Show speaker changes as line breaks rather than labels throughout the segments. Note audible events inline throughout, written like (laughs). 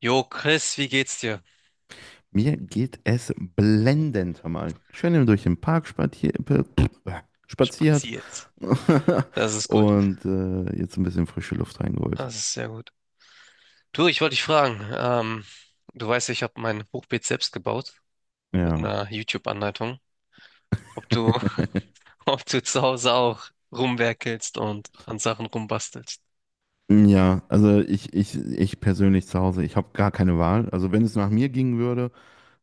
Jo, Chris, wie geht's dir?
Mir geht es blendend, hör mal. Schön durch den Park spaziert
Spaziert.
(laughs)
Das ist gut.
und jetzt ein bisschen frische Luft reingeholt.
Das ist sehr gut. Du, ich wollte dich fragen, du weißt, ja, ich habe mein Hochbeet selbst gebaut mit
Ja.
einer YouTube-Anleitung. Ob du,
(laughs)
(laughs) ob du zu Hause auch rumwerkelst und an Sachen rumbastelst.
Ja, also ich persönlich zu Hause, ich habe gar keine Wahl. Also wenn es nach mir gingen würde,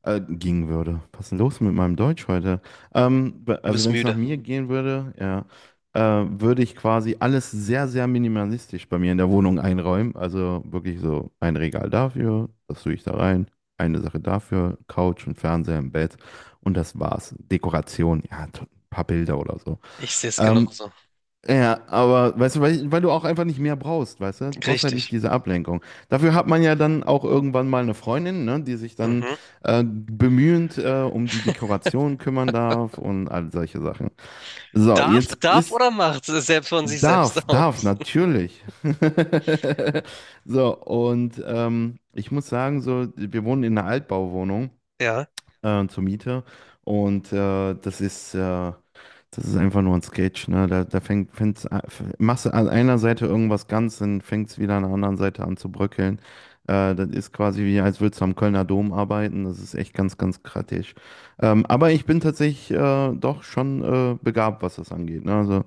Äh, gingen würde. Was ist denn los mit meinem Deutsch heute? Ähm, be-
Du
also
bist
wenn es nach
müde.
mir gehen würde, ja, würde ich quasi alles sehr, sehr minimalistisch bei mir in der Wohnung einräumen. Also wirklich so ein Regal dafür, das tue ich da rein, eine Sache dafür, Couch und Fernseher im Bett und das war's. Dekoration, ja, ein paar Bilder oder so.
Ich sehe es
Ähm,
genauso.
ja, aber weißt du, weil du auch einfach nicht mehr brauchst, weißt du? Du brauchst halt nicht
Richtig.
diese Ablenkung. Dafür hat man ja dann auch irgendwann mal eine Freundin, ne, die sich dann
Mhm.
bemühend um die Dekoration kümmern darf und all solche Sachen. So,
Darf,
jetzt
darf
ist,
oder macht selbst von sich selbst
darf,
(laughs) auf.
darf, natürlich. (laughs) So, und ich muss sagen, so, wir wohnen in einer Altbauwohnung
Ja,
zur Miete und das ist einfach nur ein Sketch, ne? Da, da fängt, fängt's, a- f- Machst du an einer Seite irgendwas ganz, dann fängt es wieder an der anderen Seite an zu bröckeln. Das ist quasi wie, als würdest du am Kölner Dom arbeiten. Das ist echt ganz, ganz kritisch. Aber ich bin tatsächlich doch schon begabt, was das angeht. Ne? Also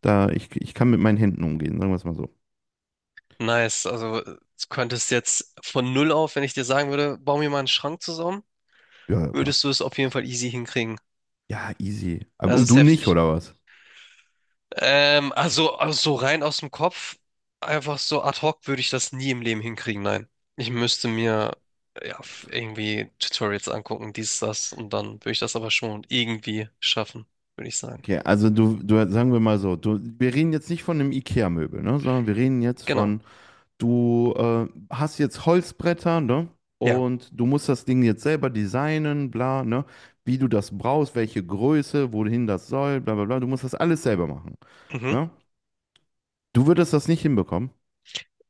da, ich kann mit meinen Händen umgehen, sagen wir es mal so.
nice. Also du könntest jetzt von null auf, wenn ich dir sagen würde, bau mir mal einen Schrank zusammen,
Ja, ja, klar.
würdest du es auf jeden Fall easy hinkriegen.
Ja, easy.
Das
Und
ist
du nicht,
heftig.
oder was?
Also so rein aus dem Kopf, einfach so ad hoc würde ich das nie im Leben hinkriegen, nein. Ich müsste mir ja, f- irgendwie Tutorials angucken, dies, das, und dann würde ich das aber schon irgendwie schaffen, würde ich sagen.
Okay, also du, sagen wir mal so, du, wir reden jetzt nicht von einem IKEA-Möbel, ne? Sondern wir reden jetzt
Genau,
von. Du hast jetzt Holzbretter, ne?
ja.
Und du musst das Ding jetzt selber designen, bla, ne? Wie du das brauchst, welche Größe, wohin das soll, bla, bla, bla. Du musst das alles selber machen,
Mhm.
ne? Du würdest das nicht hinbekommen.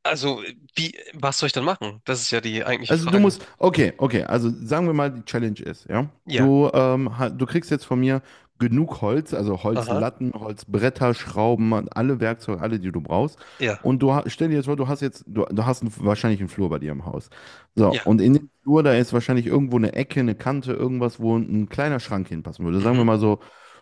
Also, wie, was soll ich dann machen? Das ist ja die eigentliche
Also du
Frage.
musst, okay, okay, also sagen wir mal, die Challenge ist, ja.
Ja,
Du kriegst jetzt von mir genug Holz, also
aha,
Holzlatten, Holzbretter, Schrauben, alle Werkzeuge, alle, die du brauchst.
ja,
Und stell dir jetzt vor, du hast einen, wahrscheinlich einen Flur bei dir im Haus. So,
ja,
und in dem Flur, da ist wahrscheinlich irgendwo eine Ecke, eine Kante, irgendwas, wo ein kleiner Schrank hinpassen würde. Sagen
mhm,
wir mal so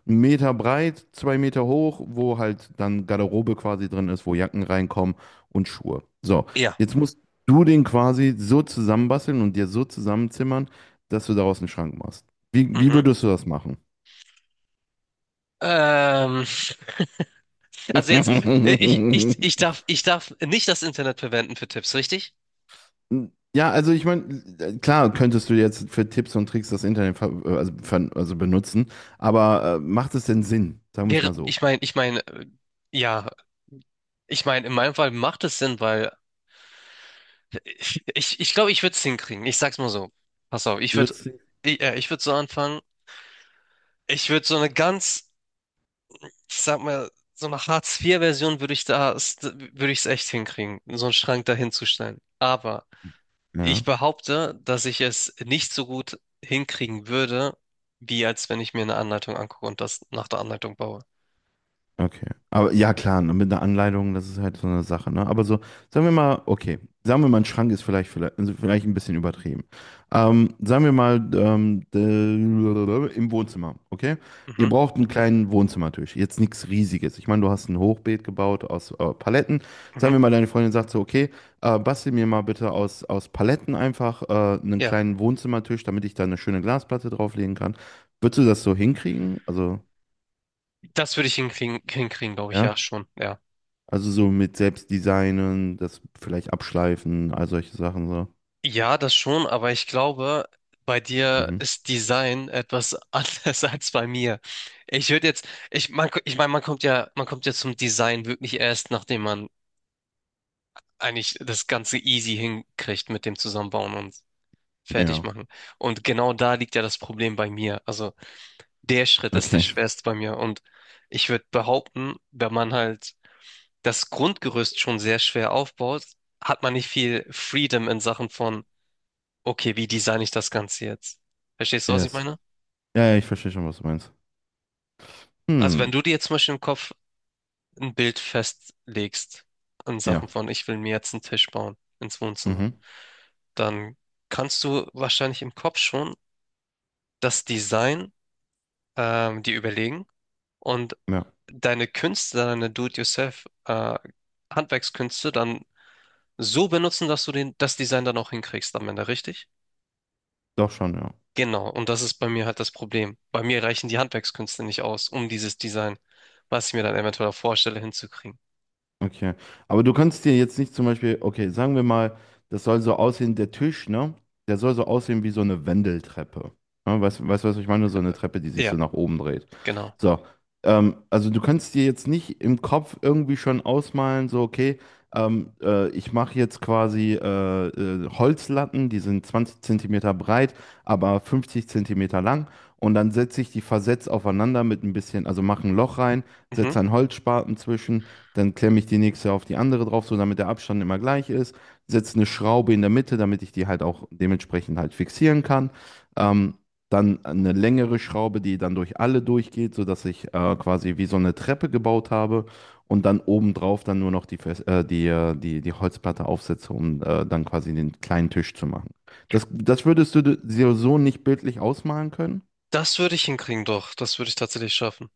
1 Meter breit, 2 Meter hoch, wo halt dann Garderobe quasi drin ist, wo Jacken reinkommen und Schuhe. So.
ja,
Jetzt muss du den quasi so zusammenbasteln und dir so zusammenzimmern, dass du daraus einen Schrank machst. Wie
mhm.
würdest du das machen?
Ähm, (laughs) also jetzt, ich
(laughs)
darf, ich darf nicht das Internet verwenden für Tipps, richtig?
Ja, also ich meine, klar könntest du jetzt für Tipps und Tricks das Internet ver also, ver also benutzen, aber macht es denn Sinn? Sagen wir es
Wäre,
mal
ich
so.
meine, ich meine, ja, ich meine, in meinem Fall macht es Sinn, weil (laughs) ich glaube, ich würde es hinkriegen. Ich sag's mal so. Pass auf, ich
Du
würde,
würdest,
ich, ich würde so anfangen. Ich würde so eine ganz, ich sag mal, so eine Hartz IV version würde ich da, würde ich es echt hinkriegen, so einen Schrank da hinzustellen. Aber ich
ja.
behaupte, dass ich es nicht so gut hinkriegen würde, wie als wenn ich mir eine Anleitung angucke und das nach der Anleitung baue.
Okay. Aber ja, klar, ne, mit einer Anleitung, das ist halt so eine Sache, ne? Aber so, sagen wir mal, okay, sagen wir mal, ein Schrank ist also vielleicht ein bisschen übertrieben. Sagen wir mal, im Wohnzimmer, okay? Ihr
Mhm,
braucht einen kleinen Wohnzimmertisch, jetzt nichts Riesiges. Ich meine, du hast ein Hochbeet gebaut aus Paletten. Sagen
mhm.
wir mal, deine Freundin sagt so, okay, bastel mir mal bitte aus Paletten einfach einen
Ja,
kleinen Wohnzimmertisch, damit ich da eine schöne Glasplatte drauflegen kann. Würdest du das so hinkriegen? Also,
das würde ich hinkriegen, hinkriegen, glaube ich, ja,
ja?
schon, ja.
Also so mit Selbstdesignen, das vielleicht abschleifen, all solche Sachen so.
Ja, das schon, aber ich glaube, bei dir
Mhm.
ist Design etwas (laughs) anders als bei mir. Ich würde jetzt, ich, man, ich meine, man kommt ja zum Design wirklich erst, nachdem man eigentlich das Ganze easy hinkriegt mit dem Zusammenbauen und fertig
Ja.
machen. Und genau da liegt ja das Problem bei mir. Also der Schritt ist der
Okay.
schwerste bei mir. Und ich würde behaupten, wenn man halt das Grundgerüst schon sehr schwer aufbaut, hat man nicht viel Freedom in Sachen von, okay, wie designe ich das Ganze jetzt? Verstehst du, was ich
Yes.
meine?
Ja, ja, ich verstehe schon, was du meinst.
Also wenn
Hm.
du dir jetzt zum Beispiel im Kopf ein Bild festlegst in
Ja.
Sachen von, ich will mir jetzt einen Tisch bauen ins Wohnzimmer,
Mhm.
dann kannst du wahrscheinlich im Kopf schon das Design dir überlegen. Und
Ja.
deine Künste, deine Do-it-yourself, Handwerkskünste dann so benutzen, dass du den, das Design dann auch hinkriegst am Ende, richtig?
Doch schon, ja.
Genau, und das ist bei mir halt das Problem. Bei mir reichen die Handwerkskünste nicht aus, um dieses Design, was ich mir dann eventuell auch vorstelle, hinzukriegen.
Okay. Aber du kannst dir jetzt nicht zum Beispiel, okay, sagen wir mal, das soll so aussehen, der Tisch, ne? Der soll so aussehen wie so eine Wendeltreppe. Ne? Weißt du, was ich meine? So eine
Äh,
Treppe, die sich
Ja,
so nach oben dreht.
genau.
So. Also du kannst dir jetzt nicht im Kopf irgendwie schon ausmalen, so, okay, ich mache jetzt quasi Holzlatten, die sind 20 Zentimeter breit, aber 50 Zentimeter lang. Und dann setze ich die versetzt aufeinander mit ein bisschen, also mache ein Loch rein,
Mhm.
setze einen Holzspaten zwischen, dann klemme ich die nächste auf die andere drauf, so damit der Abstand immer gleich ist, setze eine Schraube in der Mitte, damit ich die halt auch dementsprechend halt fixieren kann. Ähm, Dann eine längere Schraube, die dann durch alle durchgeht, sodass ich quasi wie so eine Treppe gebaut habe und dann obendrauf dann nur noch die, Fes- die, die, die Holzplatte aufsetze, um dann quasi den kleinen Tisch zu machen. Das würdest du dir so nicht bildlich ausmalen können?
Das würde ich hinkriegen, doch. Das würde ich tatsächlich schaffen.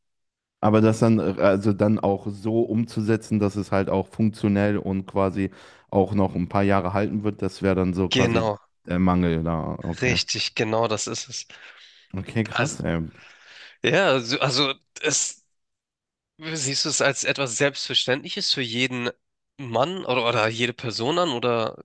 Aber das dann, also dann auch so umzusetzen, dass es halt auch funktionell und quasi auch noch ein paar Jahre halten wird, das wäre dann so quasi
Genau,
der Mangel da. Okay.
richtig, genau das ist es.
Okay,
Also,
krass, ey.
ja, also es, siehst du es als etwas Selbstverständliches für jeden Mann oder jede Person an oder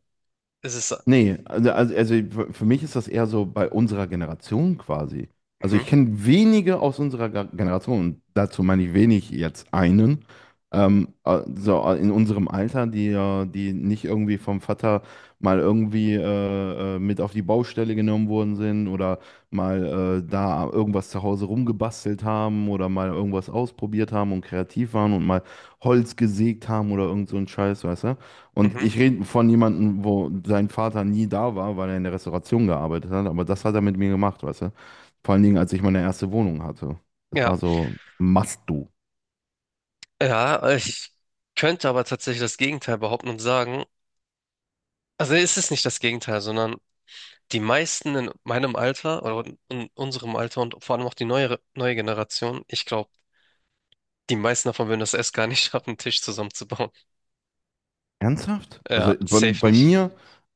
ist es...
Nee, also für mich ist das eher so bei unserer Generation quasi. Also
Mhm,
ich kenne wenige aus unserer Generation, und dazu meine ich wenig jetzt einen, so in unserem Alter, die nicht irgendwie vom Vater mal irgendwie mit auf die Baustelle genommen worden sind oder mal da irgendwas zu Hause rumgebastelt haben oder mal irgendwas ausprobiert haben und kreativ waren und mal Holz gesägt haben oder irgend so ein Scheiß, weißt du? Und
mhm,
ich rede von jemandem, wo sein Vater nie da war, weil er in der Restauration gearbeitet hat, aber das hat er mit mir gemacht, weißt du? Vor allen Dingen, als ich meine erste Wohnung hatte. Das
ja,
war so, must do.
ja, ich könnte aber tatsächlich das Gegenteil behaupten und sagen, also es ist nicht das Gegenteil, sondern die meisten in meinem Alter oder in unserem Alter und vor allem auch die neuere, neue Generation, ich glaube, die meisten davon würden das (laughs) erst gar nicht schaffen, einen Tisch zusammenzubauen.
Ernsthaft? Also
Ja,
bei,
safe
bei
nicht.
mir,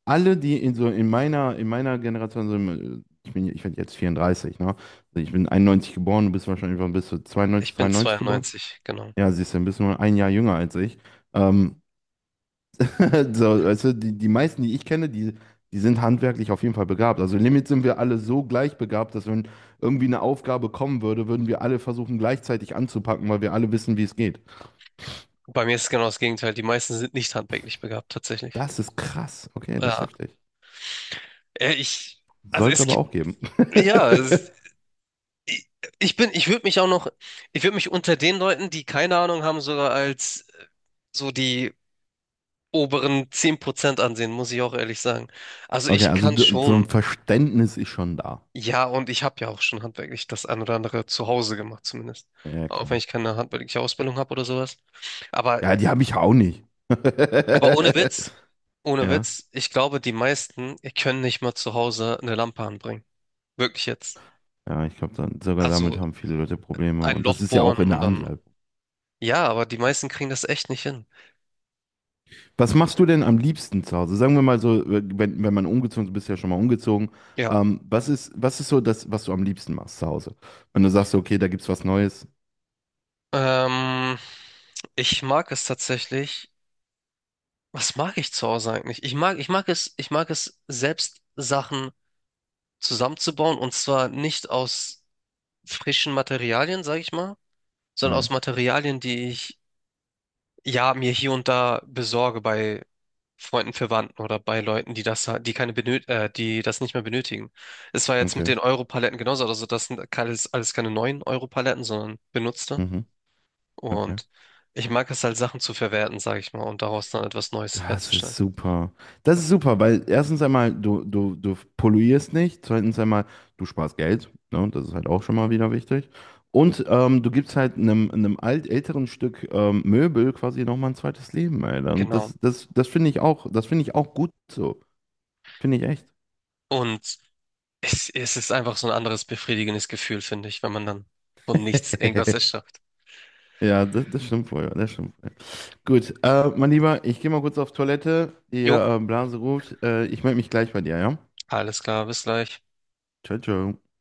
alle, die in, so in meiner Generation, so im, ich bin, ich werde jetzt 34, ne? Also ich bin 91 geboren, du bist wahrscheinlich, wann bist du 92,
Ich bin
93 geboren?
92, genau.
Ja, siehst du, dann bist du nur 1 Jahr jünger als ich. Ähm, (laughs) So, weißt du, die meisten, die ich kenne, die sind handwerklich auf jeden Fall begabt. Also im Limit sind wir alle so gleich begabt, dass wenn irgendwie eine Aufgabe kommen würde, würden wir alle versuchen, gleichzeitig anzupacken, weil wir alle wissen, wie es geht.
Bei mir ist es genau das Gegenteil. Die meisten sind nicht handwerklich begabt, tatsächlich.
Das ist krass. Okay, das ist
Ja,
heftig.
äh, ich, also
Soll es
es
aber
gibt,
auch geben.
ja, es-
(laughs)
ich, ich würde mich auch noch, ich würde mich unter den Leuten, die keine Ahnung haben, sogar als so die oberen 10% ansehen, muss ich auch ehrlich sagen. Also
Okay,
ich
also
kann
so ein
schon,
Verständnis ist schon da.
ja, und ich habe ja auch schon handwerklich das ein oder andere zu Hause gemacht zumindest.
Ja,
Auch wenn
klar.
ich keine handwerkliche Ausbildung habe oder sowas. Aber,
Ja, die habe ich auch nicht.
aber ohne
(laughs)
Witz, ohne
Ja,
Witz, ich glaube, die meisten können nicht mal zu Hause eine Lampe anbringen. Wirklich jetzt.
ja, ich glaube, dann sogar
Also
damit haben viele Leute Probleme.
ein
Und
Loch
das ist ja auch
bohren
in
und
der
dann
Anlage.
ja, aber die meisten kriegen das echt nicht hin.
Was machst du denn am liebsten zu Hause? Sagen wir mal so, wenn man umgezogen ist, du bist ja schon mal umgezogen.
Ja.
Was ist so das, was du am liebsten machst zu Hause? Wenn du sagst, so, okay, da gibt's was Neues.
Ähm, ich mag es tatsächlich. Was mag ich zu Hause eigentlich? Ich mag, ich mag es, selbst Sachen zusammenzubauen und zwar nicht aus frischen Materialien, sag ich mal, sondern
Mhm.
aus Materialien, die ich ja mir hier und da besorge bei Freunden, Verwandten oder bei Leuten, die das, ha- die keine benöt, die das nicht mehr benötigen. Es war jetzt mit
Okay.
den Euro-Paletten genauso, also das sind alles, alles keine neuen Euro-Paletten, sondern benutzte.
Mhm. Okay.
Und ich mag es halt, Sachen zu verwerten, sage ich mal, und daraus dann etwas Neues
Das ist
herzustellen.
super. Das ist super, weil erstens einmal, du polluierst nicht. Zweitens einmal, du sparst Geld. Ne? Das ist halt auch schon mal wieder wichtig. Und du gibst halt einem älteren Stück Möbel quasi nochmal ein zweites Leben, Alter. Und
Genau.
das finde ich auch, das finde ich auch gut so. Finde ich echt.
Und es ist einfach so ein anderes befriedigendes Gefühl, finde ich, wenn man dann von nichts irgendwas
(laughs)
erschafft.
Ja, das stimmt wohl, ja, das stimmt wohl. Gut, mein Lieber, ich gehe mal kurz auf Toilette. Die
Jo,
Blase ruft. Ich melde mich gleich bei dir, ja?
alles klar, bis gleich.
Ciao, ciao.